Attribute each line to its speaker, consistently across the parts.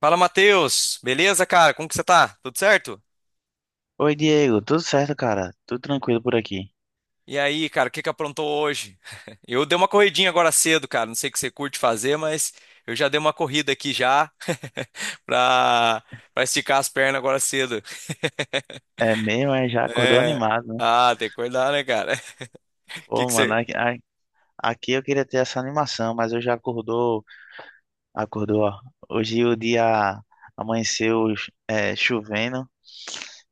Speaker 1: Fala, Matheus. Beleza, cara? Como que você tá? Tudo certo?
Speaker 2: Oi, Diego, tudo certo, cara? Tudo tranquilo por aqui.
Speaker 1: E aí, cara, o que que aprontou hoje? Eu dei uma corridinha agora cedo, cara. Não sei o que você curte fazer, mas eu já dei uma corrida aqui já pra, pra esticar as pernas agora cedo.
Speaker 2: É mesmo, é, já acordou
Speaker 1: É.
Speaker 2: animado, né?
Speaker 1: Ah, tem que cuidar, né, cara? O que
Speaker 2: Pô,
Speaker 1: que
Speaker 2: mano,
Speaker 1: você...
Speaker 2: aqui, aqui eu queria ter essa animação, mas eu já acordou, ó. Hoje o dia amanheceu, chovendo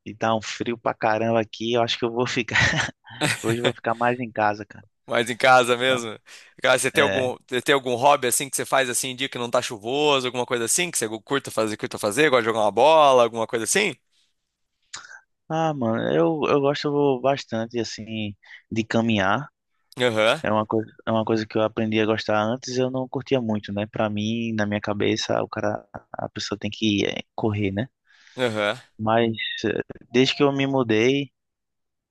Speaker 2: e tá um frio pra caramba aqui. Eu acho que hoje eu vou ficar mais em casa, cara.
Speaker 1: Mais em casa
Speaker 2: Tá?
Speaker 1: mesmo? Cara, você tem
Speaker 2: É.
Speaker 1: algum, você tem algum hobby assim que você faz assim em dia que não tá chuvoso, alguma coisa assim que você curta fazer, gosta de jogar uma bola, alguma coisa assim?
Speaker 2: Ah, mano, eu gosto bastante, assim, de caminhar.
Speaker 1: Aham,
Speaker 2: É uma coisa que eu aprendi a gostar antes, eu não curtia muito, né? Pra mim, na minha cabeça, a pessoa tem que correr, né?
Speaker 1: aham.
Speaker 2: Mas eh, desde que eu me mudei,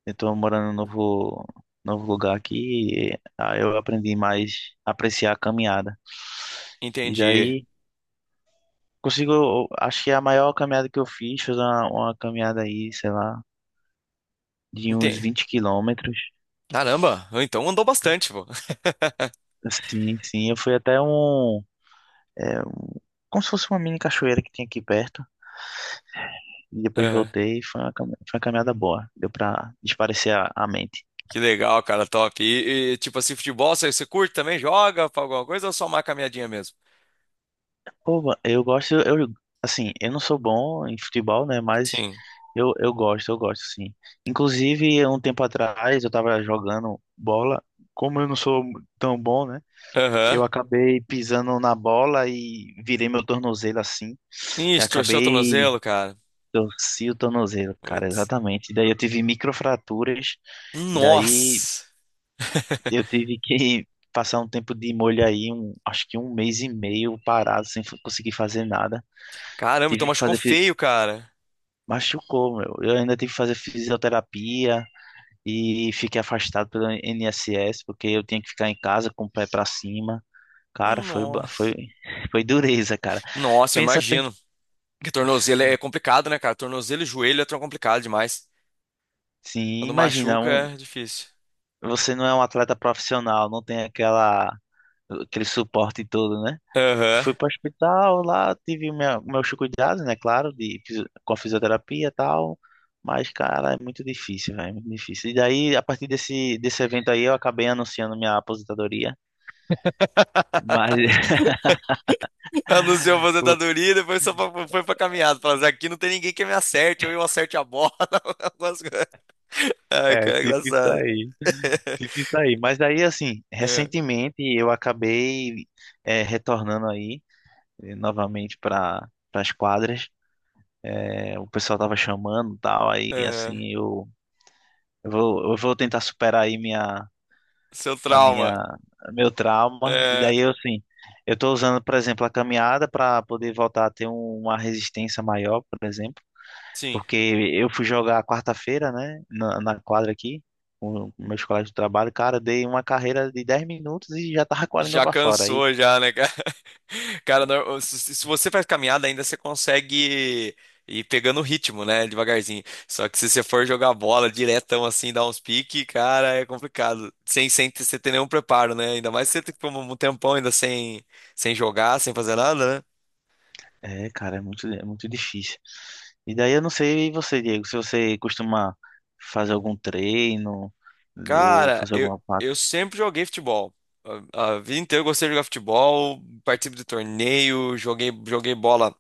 Speaker 2: eu tô morando novo lugar aqui, e, ah, eu aprendi mais a apreciar a caminhada. E
Speaker 1: Entendi.
Speaker 2: daí consigo, acho que a maior caminhada que eu fiz foi uma caminhada aí, sei lá, de uns
Speaker 1: Entendi.
Speaker 2: 20 quilômetros.
Speaker 1: Caramba, então andou bastante, pô.
Speaker 2: Sim, sim, eu fui até eh, como se fosse uma mini cachoeira que tinha aqui perto. E depois
Speaker 1: Aham.
Speaker 2: voltei e foi foi uma caminhada boa. Deu pra desaparecer a mente.
Speaker 1: Que legal, cara, top. Tipo assim, futebol, você curte também? Joga pra alguma coisa ou só uma caminhadinha mesmo?
Speaker 2: Pô, assim, eu não sou bom em futebol, né? Mas
Speaker 1: Sim.
Speaker 2: eu gosto, sim. Inclusive, um tempo atrás, eu tava jogando bola. Como eu não sou tão bom, né?
Speaker 1: Aham.
Speaker 2: Eu acabei pisando na bola e virei meu tornozelo assim.
Speaker 1: Ih,
Speaker 2: Eu
Speaker 1: torceu o
Speaker 2: acabei,
Speaker 1: tornozelo, cara.
Speaker 2: torci o tornozelo, cara,
Speaker 1: Putz.
Speaker 2: exatamente. Daí eu tive microfraturas. E daí
Speaker 1: Nossa!
Speaker 2: eu tive que passar um tempo de molho aí, acho que um mês e meio parado, sem f- conseguir fazer nada.
Speaker 1: Caramba, então
Speaker 2: Tive que
Speaker 1: machucou
Speaker 2: fazer. Fi-
Speaker 1: feio, cara.
Speaker 2: Machucou, meu. Eu ainda tive que fazer fisioterapia e fiquei afastado pelo INSS, porque eu tinha que ficar em casa com o pé pra cima. Cara,
Speaker 1: Nossa.
Speaker 2: foi dureza, cara.
Speaker 1: Nossa, eu
Speaker 2: Pensa, pe-
Speaker 1: imagino. Porque tornozelo é complicado, né, cara? Tornozelo e joelho é tão complicado demais.
Speaker 2: sim,
Speaker 1: Quando
Speaker 2: imagina,
Speaker 1: machuca, é difícil.
Speaker 2: você não é um atleta profissional, não tem aquele suporte todo, né?
Speaker 1: Aham.
Speaker 2: Fui para o hospital, lá tive meus cuidados, né? Claro, com a fisioterapia e tal. Mas, cara, é muito difícil, velho. É muito difícil. E daí, a partir desse evento aí, eu acabei anunciando minha aposentadoria. Mas,
Speaker 1: Anunciou a
Speaker 2: o-
Speaker 1: aposentadoria e depois foi pra caminhada. Falando assim, aqui não tem ninguém que me acerte, ou eu acerte a bola. algumas coisas. Ai,
Speaker 2: é,
Speaker 1: cara, é
Speaker 2: tipo isso
Speaker 1: engraçado.
Speaker 2: aí. Tipo isso aí. Mas daí, assim,
Speaker 1: É,
Speaker 2: recentemente eu acabei retornando aí, novamente para as quadras. É, o pessoal tava chamando e tal. Aí,
Speaker 1: é.
Speaker 2: assim, eu vou tentar superar aí minha.
Speaker 1: Seu
Speaker 2: a
Speaker 1: trauma.
Speaker 2: minha, meu trauma. E
Speaker 1: É,
Speaker 2: daí eu assim, eu estou usando, por exemplo, a caminhada para poder voltar a ter uma resistência maior, por exemplo,
Speaker 1: sim.
Speaker 2: porque eu fui jogar quarta-feira, né, na quadra aqui, com meus colegas de trabalho, cara, eu dei uma carreira de 10 minutos e já tava com a língua
Speaker 1: Já
Speaker 2: para fora aí.
Speaker 1: cansou, já, né, cara? Cara, se você faz caminhada, ainda você consegue ir pegando o ritmo, né? Devagarzinho. Só que se você for jogar bola diretão assim, dar uns piques, cara, é complicado. Sem ter nenhum preparo, né? Ainda mais se você ficou um tempão ainda sem jogar, sem fazer nada, né?
Speaker 2: É, cara, é muito difícil. E daí eu não sei e você, Diego, se você costuma fazer algum treino ou
Speaker 1: Cara,
Speaker 2: fazer
Speaker 1: eu,
Speaker 2: alguma parte.
Speaker 1: eu sempre joguei futebol. A vida inteira eu gostei de jogar futebol, participo de torneio, joguei bola.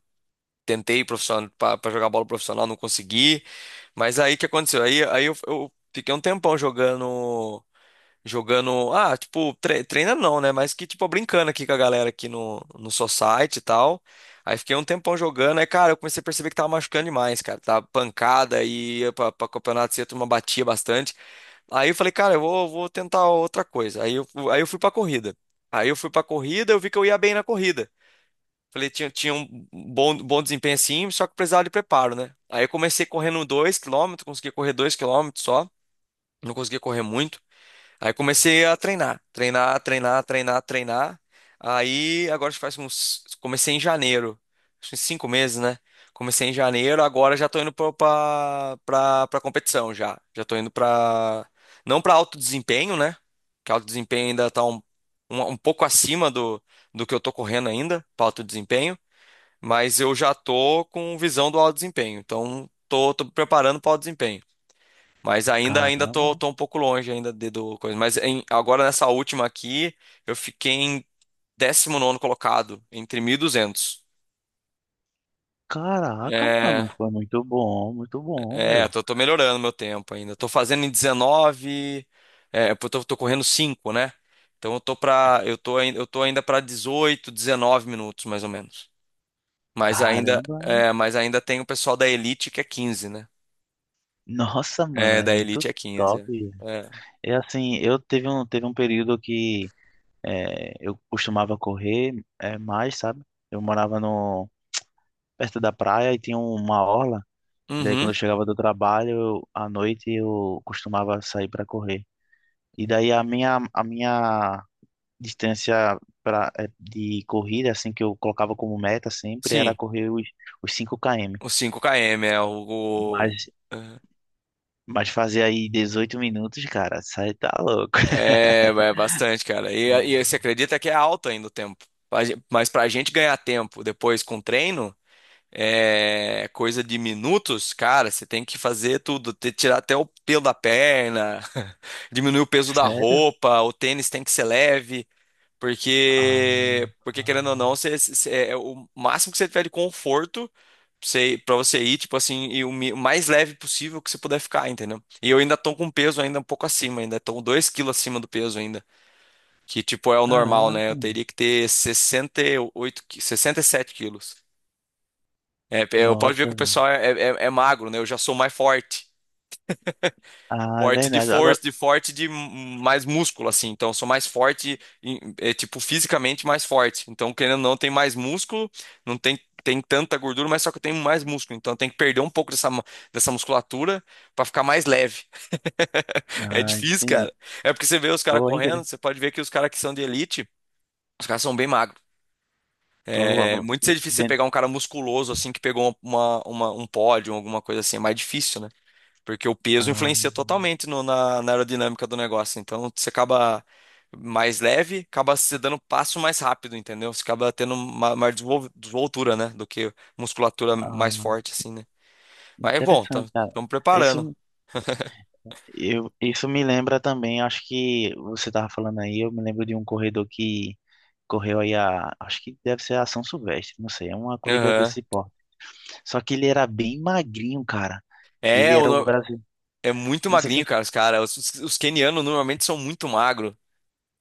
Speaker 1: Tentei profissional para jogar bola profissional, não consegui. Mas aí o que aconteceu? Aí eu fiquei um tempão jogando. Jogando. Ah, tipo, treina não, né? Mas que, tipo, brincando aqui com a galera aqui no society e tal. Aí fiquei um tempão jogando. Aí, cara, eu comecei a perceber que tava machucando demais, cara. Tava pancada e ia pra campeonato cedo, uma batia bastante. Aí eu falei, cara, eu vou tentar outra coisa. Aí eu fui pra corrida. Aí eu fui pra corrida, eu vi que eu ia bem na corrida. Falei, tinha um bom desempenho assim, só que precisava de preparo, né? Aí eu comecei correndo 2 km consegui correr 2 km só, não conseguia correr muito. Aí comecei a treinar, treinar, treinar, treinar, treinar. Aí agora faz uns. Comecei em janeiro, acho que 5 meses, né? Comecei em janeiro, agora já tô indo pra competição já. Já tô indo pra. Não pra alto desempenho, né? Que alto desempenho ainda tá um pouco acima do que eu tô correndo ainda, pra alto desempenho mas eu já tô com visão do alto desempenho. Então, tô preparando para o alto desempenho. Mas ainda tô,
Speaker 2: Caramba,
Speaker 1: tô um pouco longe ainda de, do coisa. Mas agora nessa última aqui, eu fiquei em 19º colocado, entre 1.200.
Speaker 2: caraca, mano,
Speaker 1: É,
Speaker 2: foi muito bom, meu.
Speaker 1: tô melhorando meu tempo ainda. Tô fazendo em 19, é, pô, tô correndo 5, né? Então eu tô pra, eu tô, ain- eu tô ainda para 18, 19 minutos mais ou menos. Mas ainda,
Speaker 2: Caramba.
Speaker 1: é, mas ainda tem o pessoal da elite que é 15, né?
Speaker 2: Nossa, mano,
Speaker 1: É,
Speaker 2: é
Speaker 1: da
Speaker 2: muito
Speaker 1: Elite é 15.
Speaker 2: top.
Speaker 1: É. É.
Speaker 2: É assim, teve um período que eu costumava correr mais, sabe? Eu morava no, perto da praia e tinha uma orla. E daí quando
Speaker 1: Uhum,
Speaker 2: eu chegava do trabalho, à noite eu costumava sair para correr. E daí a minha distância de corrida, assim, que eu colocava como meta sempre, era
Speaker 1: sim.
Speaker 2: correr os 5 km.
Speaker 1: O 5 km é
Speaker 2: Mas Mas fazer aí 18 minutos, cara, sai tá louco.
Speaker 1: É, é bastante, cara. E você acredita que é alto ainda o tempo. Mas pra gente ganhar tempo depois com treino, é coisa de minutos, cara, você tem que fazer tudo. Tirar até o pelo da perna, diminuir o peso da
Speaker 2: Sério?
Speaker 1: roupa, o tênis tem que ser leve.
Speaker 2: Ah,
Speaker 1: Porque querendo ou não, é o máximo que você tiver de conforto pra você ir, tipo assim, e o mais leve possível que você puder ficar, entendeu? E eu ainda tô com peso ainda um pouco acima, ainda tô 2 quilos acima do peso ainda. Que, tipo, é o normal, né?
Speaker 2: caraca,
Speaker 1: Eu
Speaker 2: mano.
Speaker 1: teria que ter 68, 67 quilos. É, eu posso ver
Speaker 2: Nossa,
Speaker 1: que o
Speaker 2: velho.
Speaker 1: pessoal é magro, né? Eu já sou mais forte.
Speaker 2: Ah, é
Speaker 1: Forte de
Speaker 2: verdade. Agora.
Speaker 1: força, de forte de mais músculo, assim. Então, eu sou mais forte, é, tipo, fisicamente mais forte. Então, querendo ou não, tem mais músculo, não tem tanta gordura, mas só que eu tenho mais músculo. Então, eu tenho que perder um pouco dessa musculatura pra ficar mais leve. É
Speaker 2: Ah,
Speaker 1: difícil,
Speaker 2: entendi.
Speaker 1: cara. É porque você vê os caras
Speaker 2: Boa, hein,
Speaker 1: correndo,
Speaker 2: querido?
Speaker 1: você pode ver que os caras que são de elite, os caras são bem magros.
Speaker 2: Boa,
Speaker 1: É
Speaker 2: boa.
Speaker 1: muito difícil você pegar um cara musculoso, assim, que pegou um pódio, alguma coisa assim. É mais difícil, né? Porque o peso
Speaker 2: Ah,
Speaker 1: influencia totalmente na aerodinâmica do negócio. Então você acaba mais leve, acaba se dando passo mais rápido, entendeu? Você acaba tendo uma maior desenvoltura, né? Do que musculatura mais
Speaker 2: ah,
Speaker 1: forte, assim, né? Mas é bom,
Speaker 2: interessante, cara.
Speaker 1: estamos preparando.
Speaker 2: Isso, eu, isso me lembra também, acho que você tava falando aí, eu me lembro de um corredor que correu aí a. Acho que deve ser a São Silvestre, não sei, é uma corrida
Speaker 1: Aham.
Speaker 2: desse porte. Só que ele era bem magrinho, cara. Ele
Speaker 1: É, o
Speaker 2: era o
Speaker 1: no-
Speaker 2: brasileiro.
Speaker 1: é muito
Speaker 2: Não sei se eu...
Speaker 1: magrinho, cara, os cara. Os quenianos normalmente são muito magro,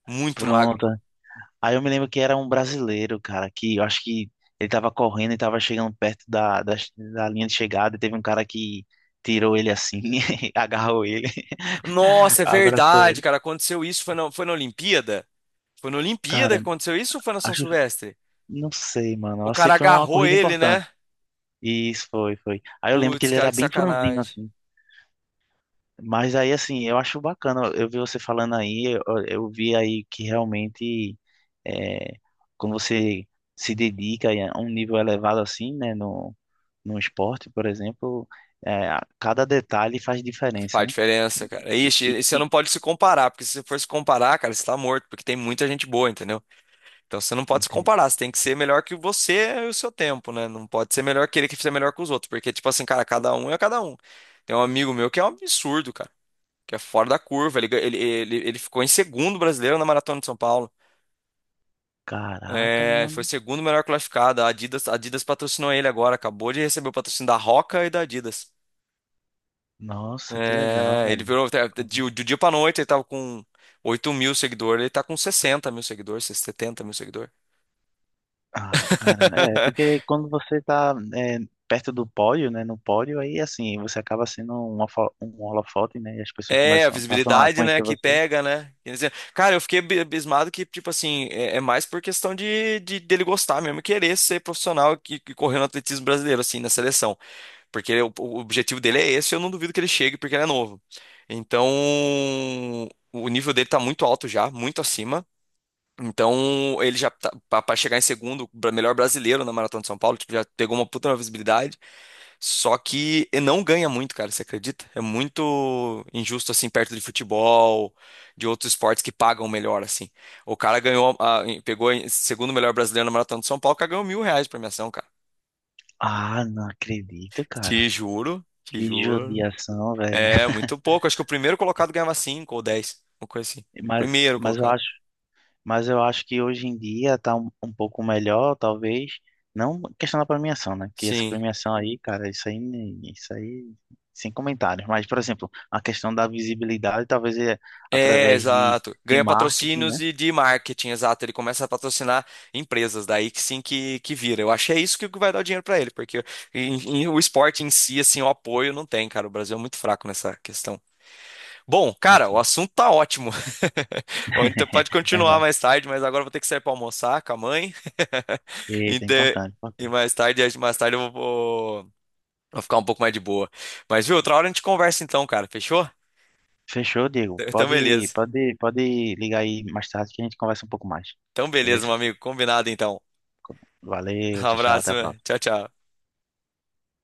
Speaker 1: muito magro.
Speaker 2: Pronto. Aí eu me lembro que era um brasileiro, cara, que eu acho que ele tava correndo e tava chegando perto da linha de chegada e teve um cara que tirou ele assim, agarrou ele,
Speaker 1: Nossa, é
Speaker 2: abraçou
Speaker 1: verdade,
Speaker 2: ele.
Speaker 1: cara. Aconteceu isso, foi na Olimpíada? Foi na Olimpíada
Speaker 2: Cara,
Speaker 1: que aconteceu isso ou foi na São
Speaker 2: acho,
Speaker 1: Silvestre?
Speaker 2: não sei, mano.
Speaker 1: O
Speaker 2: Eu sei
Speaker 1: cara
Speaker 2: que foi uma
Speaker 1: agarrou
Speaker 2: corrida
Speaker 1: ele,
Speaker 2: importante.
Speaker 1: né?
Speaker 2: Isso foi, foi. Aí eu lembro que
Speaker 1: Putz,
Speaker 2: ele
Speaker 1: cara,
Speaker 2: era
Speaker 1: que
Speaker 2: bem franzino,
Speaker 1: sacanagem.
Speaker 2: assim. Mas aí, assim, eu acho bacana, eu vi você falando aí, eu vi aí que realmente, é, quando você se dedica aí a um nível elevado assim, né, no esporte, por exemplo, é, cada detalhe faz diferença,
Speaker 1: Faz
Speaker 2: né?
Speaker 1: diferença,
Speaker 2: E,
Speaker 1: cara. Ixi,
Speaker 2: e-
Speaker 1: e você
Speaker 2: e-
Speaker 1: não
Speaker 2: e-
Speaker 1: pode se comparar, porque se você for se comparar, cara, você tá morto, porque tem muita gente boa, entendeu? Então você não pode se comparar, você tem que ser melhor que você e o seu tempo, né? Não pode ser melhor que ele que ser melhor que os outros, porque, tipo assim, cara, cada um é cada um. Tem um amigo meu que é um absurdo, cara, que é fora da curva. Ele, gan- ele ficou em segundo brasileiro na Maratona de São Paulo.
Speaker 2: Caraca,
Speaker 1: É, foi
Speaker 2: mano,
Speaker 1: segundo melhor classificado. A Adidas patrocinou ele agora, acabou de receber o patrocínio da Roca e da Adidas.
Speaker 2: nossa, que legal,
Speaker 1: É, ele
Speaker 2: velho.
Speaker 1: virou de um dia pra noite, ele tava com 8 mil seguidores, ele tá com 60 mil seguidores, 70 mil seguidores.
Speaker 2: Ah, cara, porque quando você tá perto do pódio, né, no pódio, aí assim, você acaba sendo um holofote, né, e as pessoas
Speaker 1: É, a
Speaker 2: começam, passam a
Speaker 1: visibilidade, né,
Speaker 2: conhecer
Speaker 1: que
Speaker 2: você.
Speaker 1: pega, né? Quer dizer, cara, eu fiquei abismado que, tipo assim, é mais por questão de, dele gostar mesmo, e querer ser profissional que correu no atletismo brasileiro, assim, na seleção. Porque o objetivo dele é esse, eu não duvido que ele chegue, porque ele é novo. Então, o nível dele tá muito alto já, muito acima. Então, ele já tá, para chegar em segundo, melhor brasileiro na Maratona de São Paulo, tipo, já pegou uma puta uma visibilidade, só que ele não ganha muito, cara, você acredita? É muito injusto assim perto de futebol, de outros esportes que pagam melhor assim. O cara pegou em segundo melhor brasileiro na Maratona de São Paulo, o cara ganhou 1.000 reais de premiação, cara.
Speaker 2: Ah, não acredito,
Speaker 1: Te
Speaker 2: cara.
Speaker 1: juro, te
Speaker 2: Que
Speaker 1: juro.
Speaker 2: judiação, velho.
Speaker 1: É, muito pouco. Acho que o primeiro colocado ganhava cinco ou dez, uma coisa assim.
Speaker 2: Mas,
Speaker 1: Primeiro
Speaker 2: mas eu
Speaker 1: colocado.
Speaker 2: acho, mas eu acho que hoje em dia tá um pouco melhor, talvez. Não questão da premiação, né, que essa
Speaker 1: Sim.
Speaker 2: premiação aí, cara, isso aí, sem comentários. Mas, por exemplo, a questão da visibilidade, talvez é
Speaker 1: É,
Speaker 2: através
Speaker 1: exato.
Speaker 2: de
Speaker 1: Ganha
Speaker 2: marketing, né?
Speaker 1: patrocínios e de marketing, exato. Ele começa a patrocinar empresas, daí que sim que vira. Eu acho que é isso que vai dar o dinheiro pra ele, porque em- o esporte em si, assim, o apoio não tem, cara. O Brasil é muito fraco nessa questão. Bom,
Speaker 2: É
Speaker 1: cara, o
Speaker 2: triste.
Speaker 1: assunto tá ótimo. A gente pode continuar
Speaker 2: Verdade.
Speaker 1: mais tarde, mas agora eu vou ter que sair pra almoçar com a mãe.
Speaker 2: Eita,
Speaker 1: Então,
Speaker 2: importante, importante.
Speaker 1: e mais tarde, acho que mais tarde eu vou ficar um pouco mais de boa. Mas viu, outra hora a gente conversa então, cara. Fechou?
Speaker 2: Fechou, Diego.
Speaker 1: Então, beleza.
Speaker 2: Pode ligar aí mais tarde que a gente conversa um pouco mais.
Speaker 1: Então, beleza, meu
Speaker 2: Beleza?
Speaker 1: amigo. Combinado então.
Speaker 2: Valeu,
Speaker 1: Um
Speaker 2: tchau, tchau, até
Speaker 1: abraço,
Speaker 2: a
Speaker 1: mano.
Speaker 2: próxima.
Speaker 1: Tchau, tchau.